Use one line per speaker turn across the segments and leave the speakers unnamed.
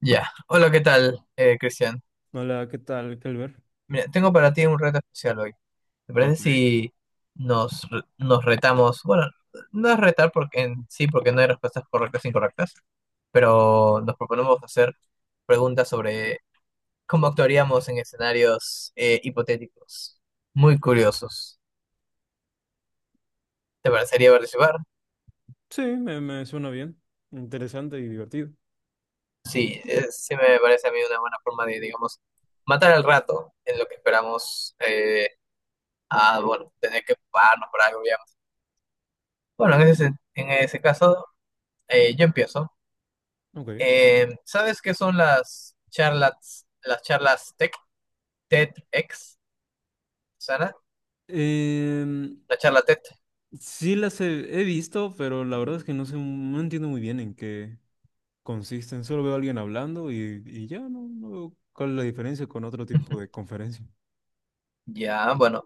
Ya, hola, ¿qué tal, Cristian?
Hola, ¿qué tal, Kelber?
Mira, tengo para ti un reto especial hoy. ¿Te
Ah,
parece
ok.
si nos retamos? Bueno, no es retar porque en sí, porque no hay respuestas correctas e incorrectas, pero nos proponemos hacer preguntas sobre cómo actuaríamos en escenarios hipotéticos, muy curiosos. ¿Te parecería participar?
Sí, me suena bien. Interesante y divertido.
Sí, sí me parece a mí una buena forma de, digamos, matar al rato en lo que esperamos a, bueno, tener que pararnos por algo. Bueno, en ese caso, yo empiezo.
Ok.
¿Sabes qué son las charlas tech, TEDx, Sana?
Em,
La charla TED.
sí las he visto, pero la verdad es que no sé, no entiendo muy bien en qué consisten. Solo veo a alguien hablando y ya no veo cuál es la diferencia con otro tipo de conferencia.
Ya, bueno.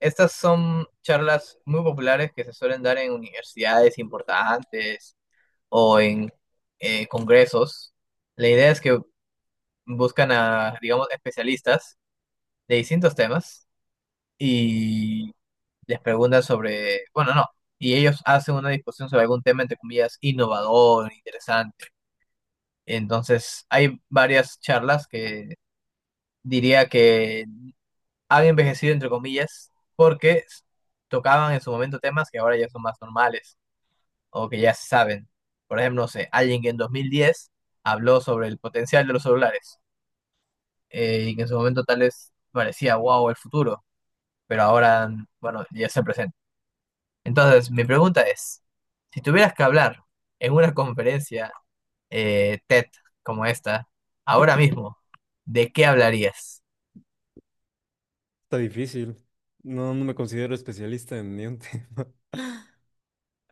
Estas son charlas muy populares que se suelen dar en universidades importantes o en congresos. La idea es que buscan a, digamos, especialistas de distintos temas y les pregunta sobre, bueno, no, y ellos hacen una discusión sobre algún tema, entre comillas, innovador, interesante. Entonces, hay varias charlas que diría que han envejecido, entre comillas, tocaban en su momento temas que ahora ya son más normales o que ya se saben. Por ejemplo, no sé, alguien que en 2010 habló sobre el potencial de los celulares, y que en su momento tal vez parecía, wow, el futuro, pero ahora, bueno, ya se presenta. Entonces, mi pregunta es, si tuvieras que hablar en una conferencia TED como esta, ahora mismo, ¿de qué hablarías?
Está difícil. No, no me considero especialista en ni un tema.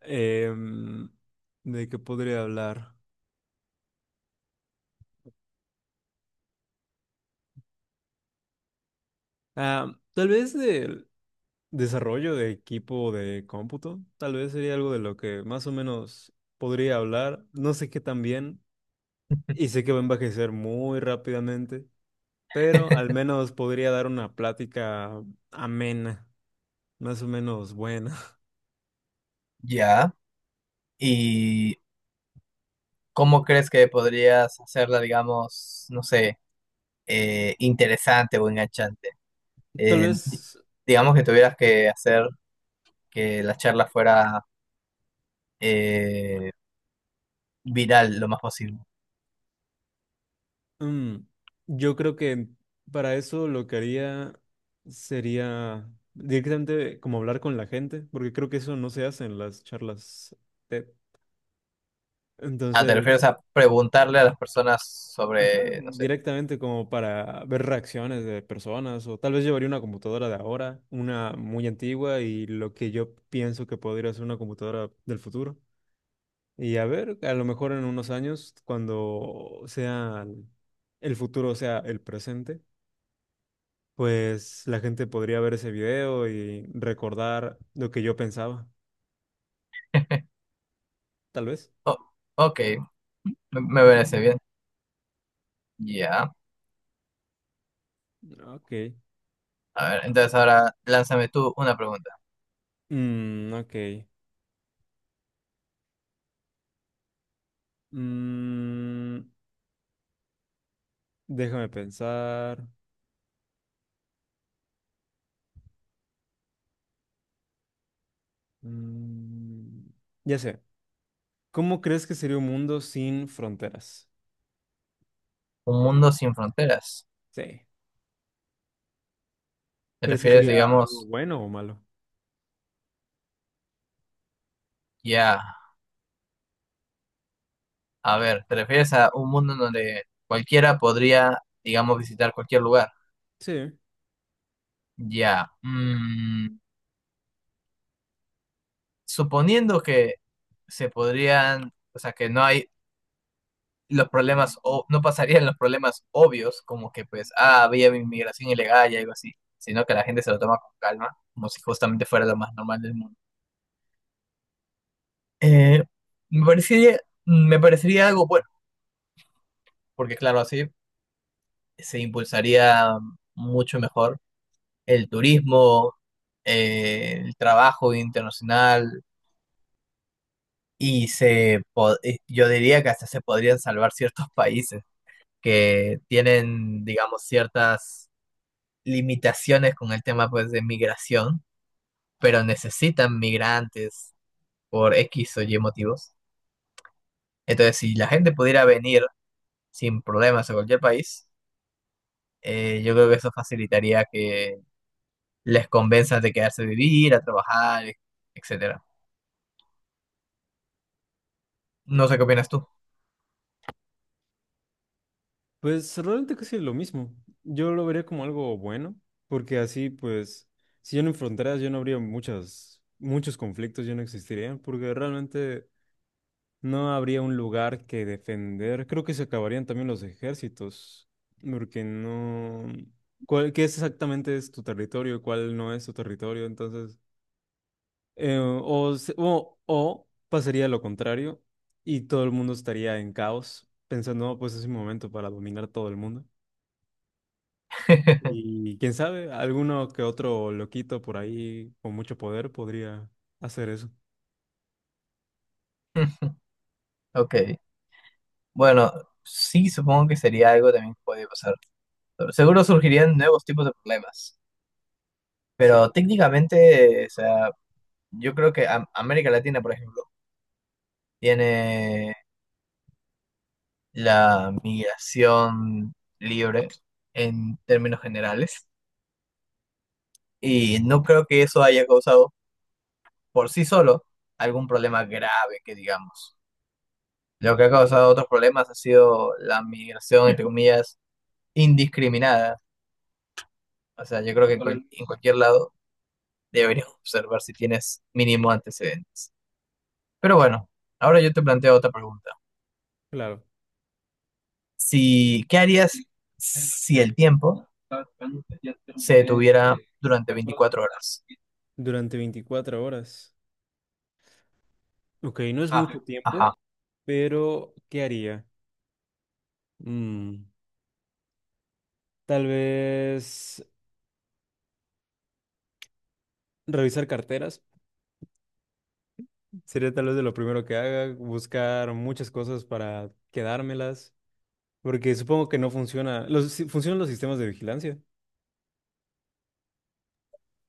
Em, ¿De qué podría hablar? Ah, tal vez de... Desarrollo de equipo de cómputo, tal vez sería algo de lo que más o menos podría hablar. No sé qué tan bien y sé que va a envejecer muy rápidamente, pero al menos podría dar una plática amena, más o menos buena.
Ya. ¿Y cómo crees que podrías hacerla, digamos, no sé, interesante o enganchante?
Tal
Eh, di-
vez
digamos que tuvieras que hacer que la charla fuera eh, viral lo más posible.
mm, yo creo que para eso lo que haría sería directamente como hablar con la gente, porque creo que eso no se hace en las charlas TED.
Ah, ¿te refieres
Entonces...
a preguntarle a las personas
Ajá,
sobre, no sé?
directamente como para ver reacciones de personas o tal vez llevaría una computadora de ahora, una muy antigua y lo que yo pienso que podría ser una computadora del futuro. Y a ver, a lo mejor en unos años, cuando sea el futuro sea el presente, pues la gente podría ver ese video y recordar lo que yo pensaba, tal vez.
Oh, ok. Me parece bien. Ya.
Ok.
A ver, entonces ahora lánzame tú una pregunta.
Ok. Mm, déjame pensar. Mm, ya sé. ¿Cómo crees que sería un mundo sin fronteras?
Un mundo sin fronteras.
Sí.
¿Te
¿Crees que
refieres,
sería algo
digamos,
bueno o malo?
ya? A ver, ¿te refieres a un mundo en donde cualquiera podría, digamos, visitar cualquier lugar?
Sí.
Ya. Mm, suponiendo que se podrían, o sea, que no hay los problemas, o no pasarían los problemas obvios, como que pues, ah, había inmigración ilegal y algo así, sino que la gente se lo toma con calma, como si justamente fuera lo más normal del mundo. Eh, me parecería, me parecería algo bueno, porque claro, así se impulsaría mucho mejor el turismo, el trabajo internacional yo diría que hasta se podrían salvar ciertos países que tienen, digamos, ciertas limitaciones con el tema pues de migración, pero necesitan migrantes por X o Y motivos. Entonces, si la gente pudiera venir sin problemas a cualquier país, yo creo que eso facilitaría que les convenzas de quedarse a vivir, a trabajar, etcétera. No sé qué opinas tú.
Pues realmente casi lo mismo. Yo lo vería como algo bueno, porque así, pues, si yo no hay fronteras, yo no habría muchas, muchos conflictos, yo no existiría, porque realmente no habría un lugar que defender. Creo que se acabarían también los ejércitos, porque no... ¿Cuál, qué es exactamente es tu territorio? ¿Cuál no es tu territorio? Entonces... o, o pasaría lo contrario y todo el mundo estaría en caos, pensando, "No, pues es mi momento para dominar todo el mundo. Y quién sabe, alguno que otro loquito por ahí con mucho poder podría hacer eso."
Ok, bueno, sí, supongo que sería algo también que podría pasar. Seguro surgirían nuevos tipos de problemas,
Sí,
pero técnicamente, o sea, yo creo que América Latina, por ejemplo, tiene la migración libre en términos generales y no creo que eso haya causado por sí solo algún problema grave, que digamos. Lo que ha causado otros problemas ha sido la migración, entre comillas, indiscriminada. O sea, yo creo que en cualquier lado deberías observar si tienes mínimo antecedentes. Pero bueno, ahora yo te planteo otra pregunta.
claro,
Si, ¿qué harías si el tiempo se detuviera durante 24 horas?
durante 24 horas. Ok, no es
Ah,
mucho tiempo,
ajá.
pero ¿qué haría? Mm, tal vez revisar carteras. Sería tal vez de lo primero que haga, buscar muchas cosas para quedármelas. Porque supongo que no funciona. Los, funcionan los sistemas de vigilancia.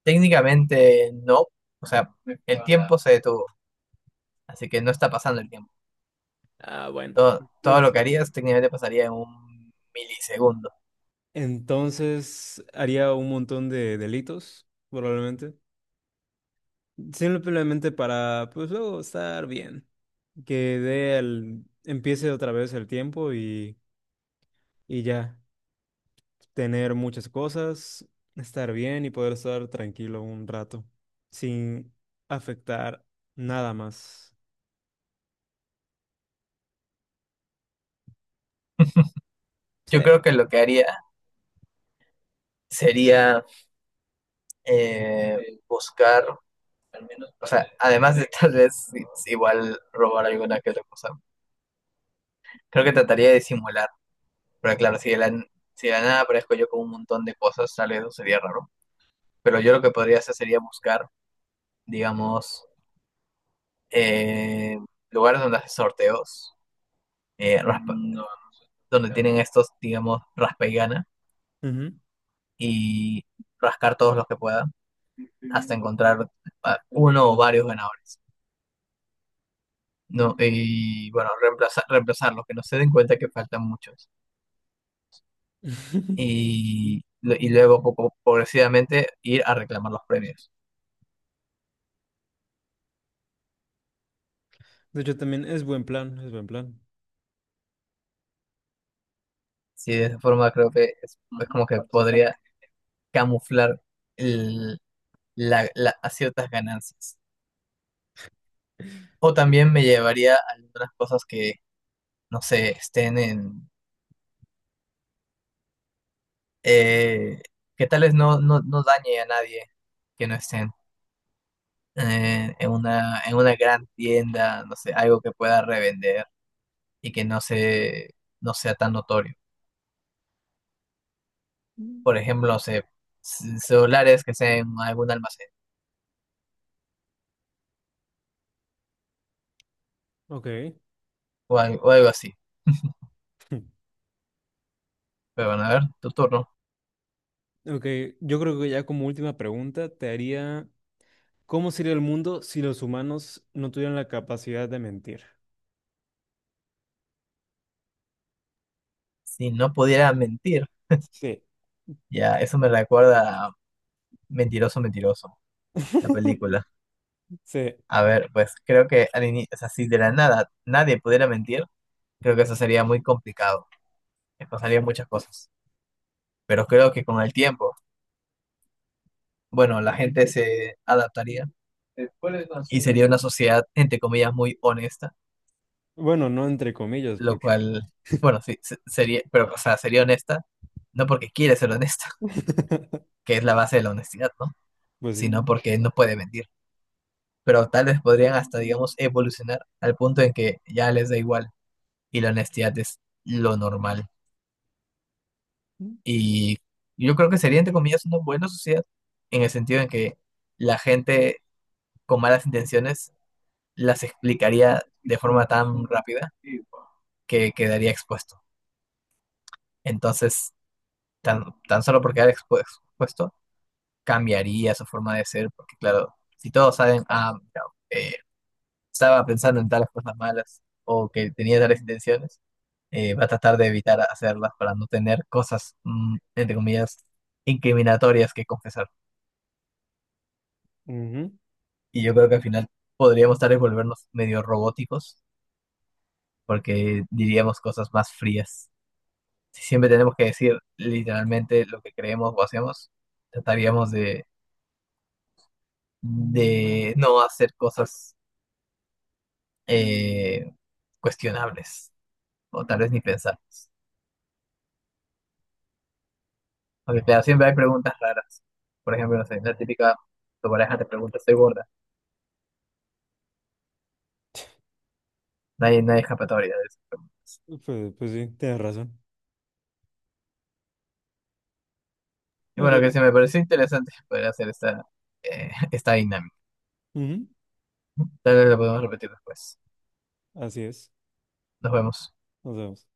Técnicamente no. O sea, el tiempo se detuvo, así que no está pasando el tiempo.
Ah, bueno.
Todo lo
Es-
que harías técnicamente pasaría en un milisegundo.
Entonces haría un montón de delitos, probablemente. Simplemente para, pues luego estar bien. Que dé el, empiece otra vez el tiempo y ya. Tener muchas cosas, estar bien y poder estar tranquilo un rato. Sin afectar nada más. Sí.
Yo creo que lo que haría sería buscar, o sea, además de tal vez igual robar alguna que otra cosa, creo que trataría de simular. Pero claro, si de la nada aparezco yo con un montón de cosas, tal vez eso sería raro. Pero yo lo que podría hacer sería buscar, digamos, eh, lugares donde hacen sorteos, eh, raspa- donde tienen estos, digamos, raspa y gana,
Ujú.
y rascar todos los que pueda hasta encontrar a uno o varios ganadores, ¿no? Y bueno, reemplazarlos, que no se den cuenta que faltan muchos. Y luego, poco, progresivamente, ir a reclamar los premios.
De hecho, también es buen plan, es buen plan.
Sí, de esa forma creo que es como que podría camuflar el- a ciertas ganancias. O
Sí,
también me
claro.
llevaría a algunas cosas que, no sé, estén en... eh, que tales no dañe a nadie que no estén en una gran tienda, no sé, algo que pueda revender y que no sea tan notorio. Por ejemplo, no sé, celulares que sean en algún almacén
Ok,
o algo, así. Pero bueno, a ver, tu turno.
ok. Yo creo que ya como última pregunta te haría, ¿cómo sería el mundo si los humanos no tuvieran la capacidad de mentir?
Si no pudiera mentir,
Sí.
ya, eso me recuerda a Mentiroso, Mentiroso, la película.
Sí.
A ver, pues creo que o sea, si de la nada nadie pudiera mentir, creo que eso sería muy complicado. Me pasarían muchas cosas. Pero creo que con el tiempo bueno, la gente se adaptaría y sería una sociedad, entre comillas, muy honesta,
Bueno, no entre comillas,
lo
porque...
cual, bueno, sería, pero, o sea, sería honesta, no porque quiere ser honesta, que es la base de la honestidad, ¿no?
Pues sí.
Sino porque no puede mentir. Pero tal vez podrían hasta, digamos, evolucionar al punto en que ya les da igual y la honestidad es lo normal. Y yo creo que sería, entre comillas, una buena sociedad en el sentido en que la gente con malas intenciones las explicaría de forma tan rápida que quedaría expuesto. Entonces, tan solo por quedar expuesto, cambiaría su forma de ser, porque claro, si todos saben, ah, mira, eh, estaba pensando en tales cosas malas o que tenía tales intenciones, va a tratar de evitar hacerlas para no tener cosas, mm, entre comillas, incriminatorias que confesar.
Ujú.
Y yo creo que al final podríamos tal vez volvernos medio robóticos, porque diríamos cosas más frías. Si siempre tenemos que decir literalmente lo que creemos o hacemos, trataríamos de no hacer cosas eh, cuestionables o tal vez ni pensarlas. Porque claro, siempre hay preguntas raras. Por ejemplo, no sé, la típica, tu pareja te pregunta, ¿estoy gorda? No hay escapatoria de eso.
Pues, pues sí, tienes razón.
Y bueno,
Ok.
que se me pareció interesante poder hacer esta, esta dinámica.
Ujú.
Tal vez lo podemos repetir después.
Así es.
Nos vemos.
Nos vemos.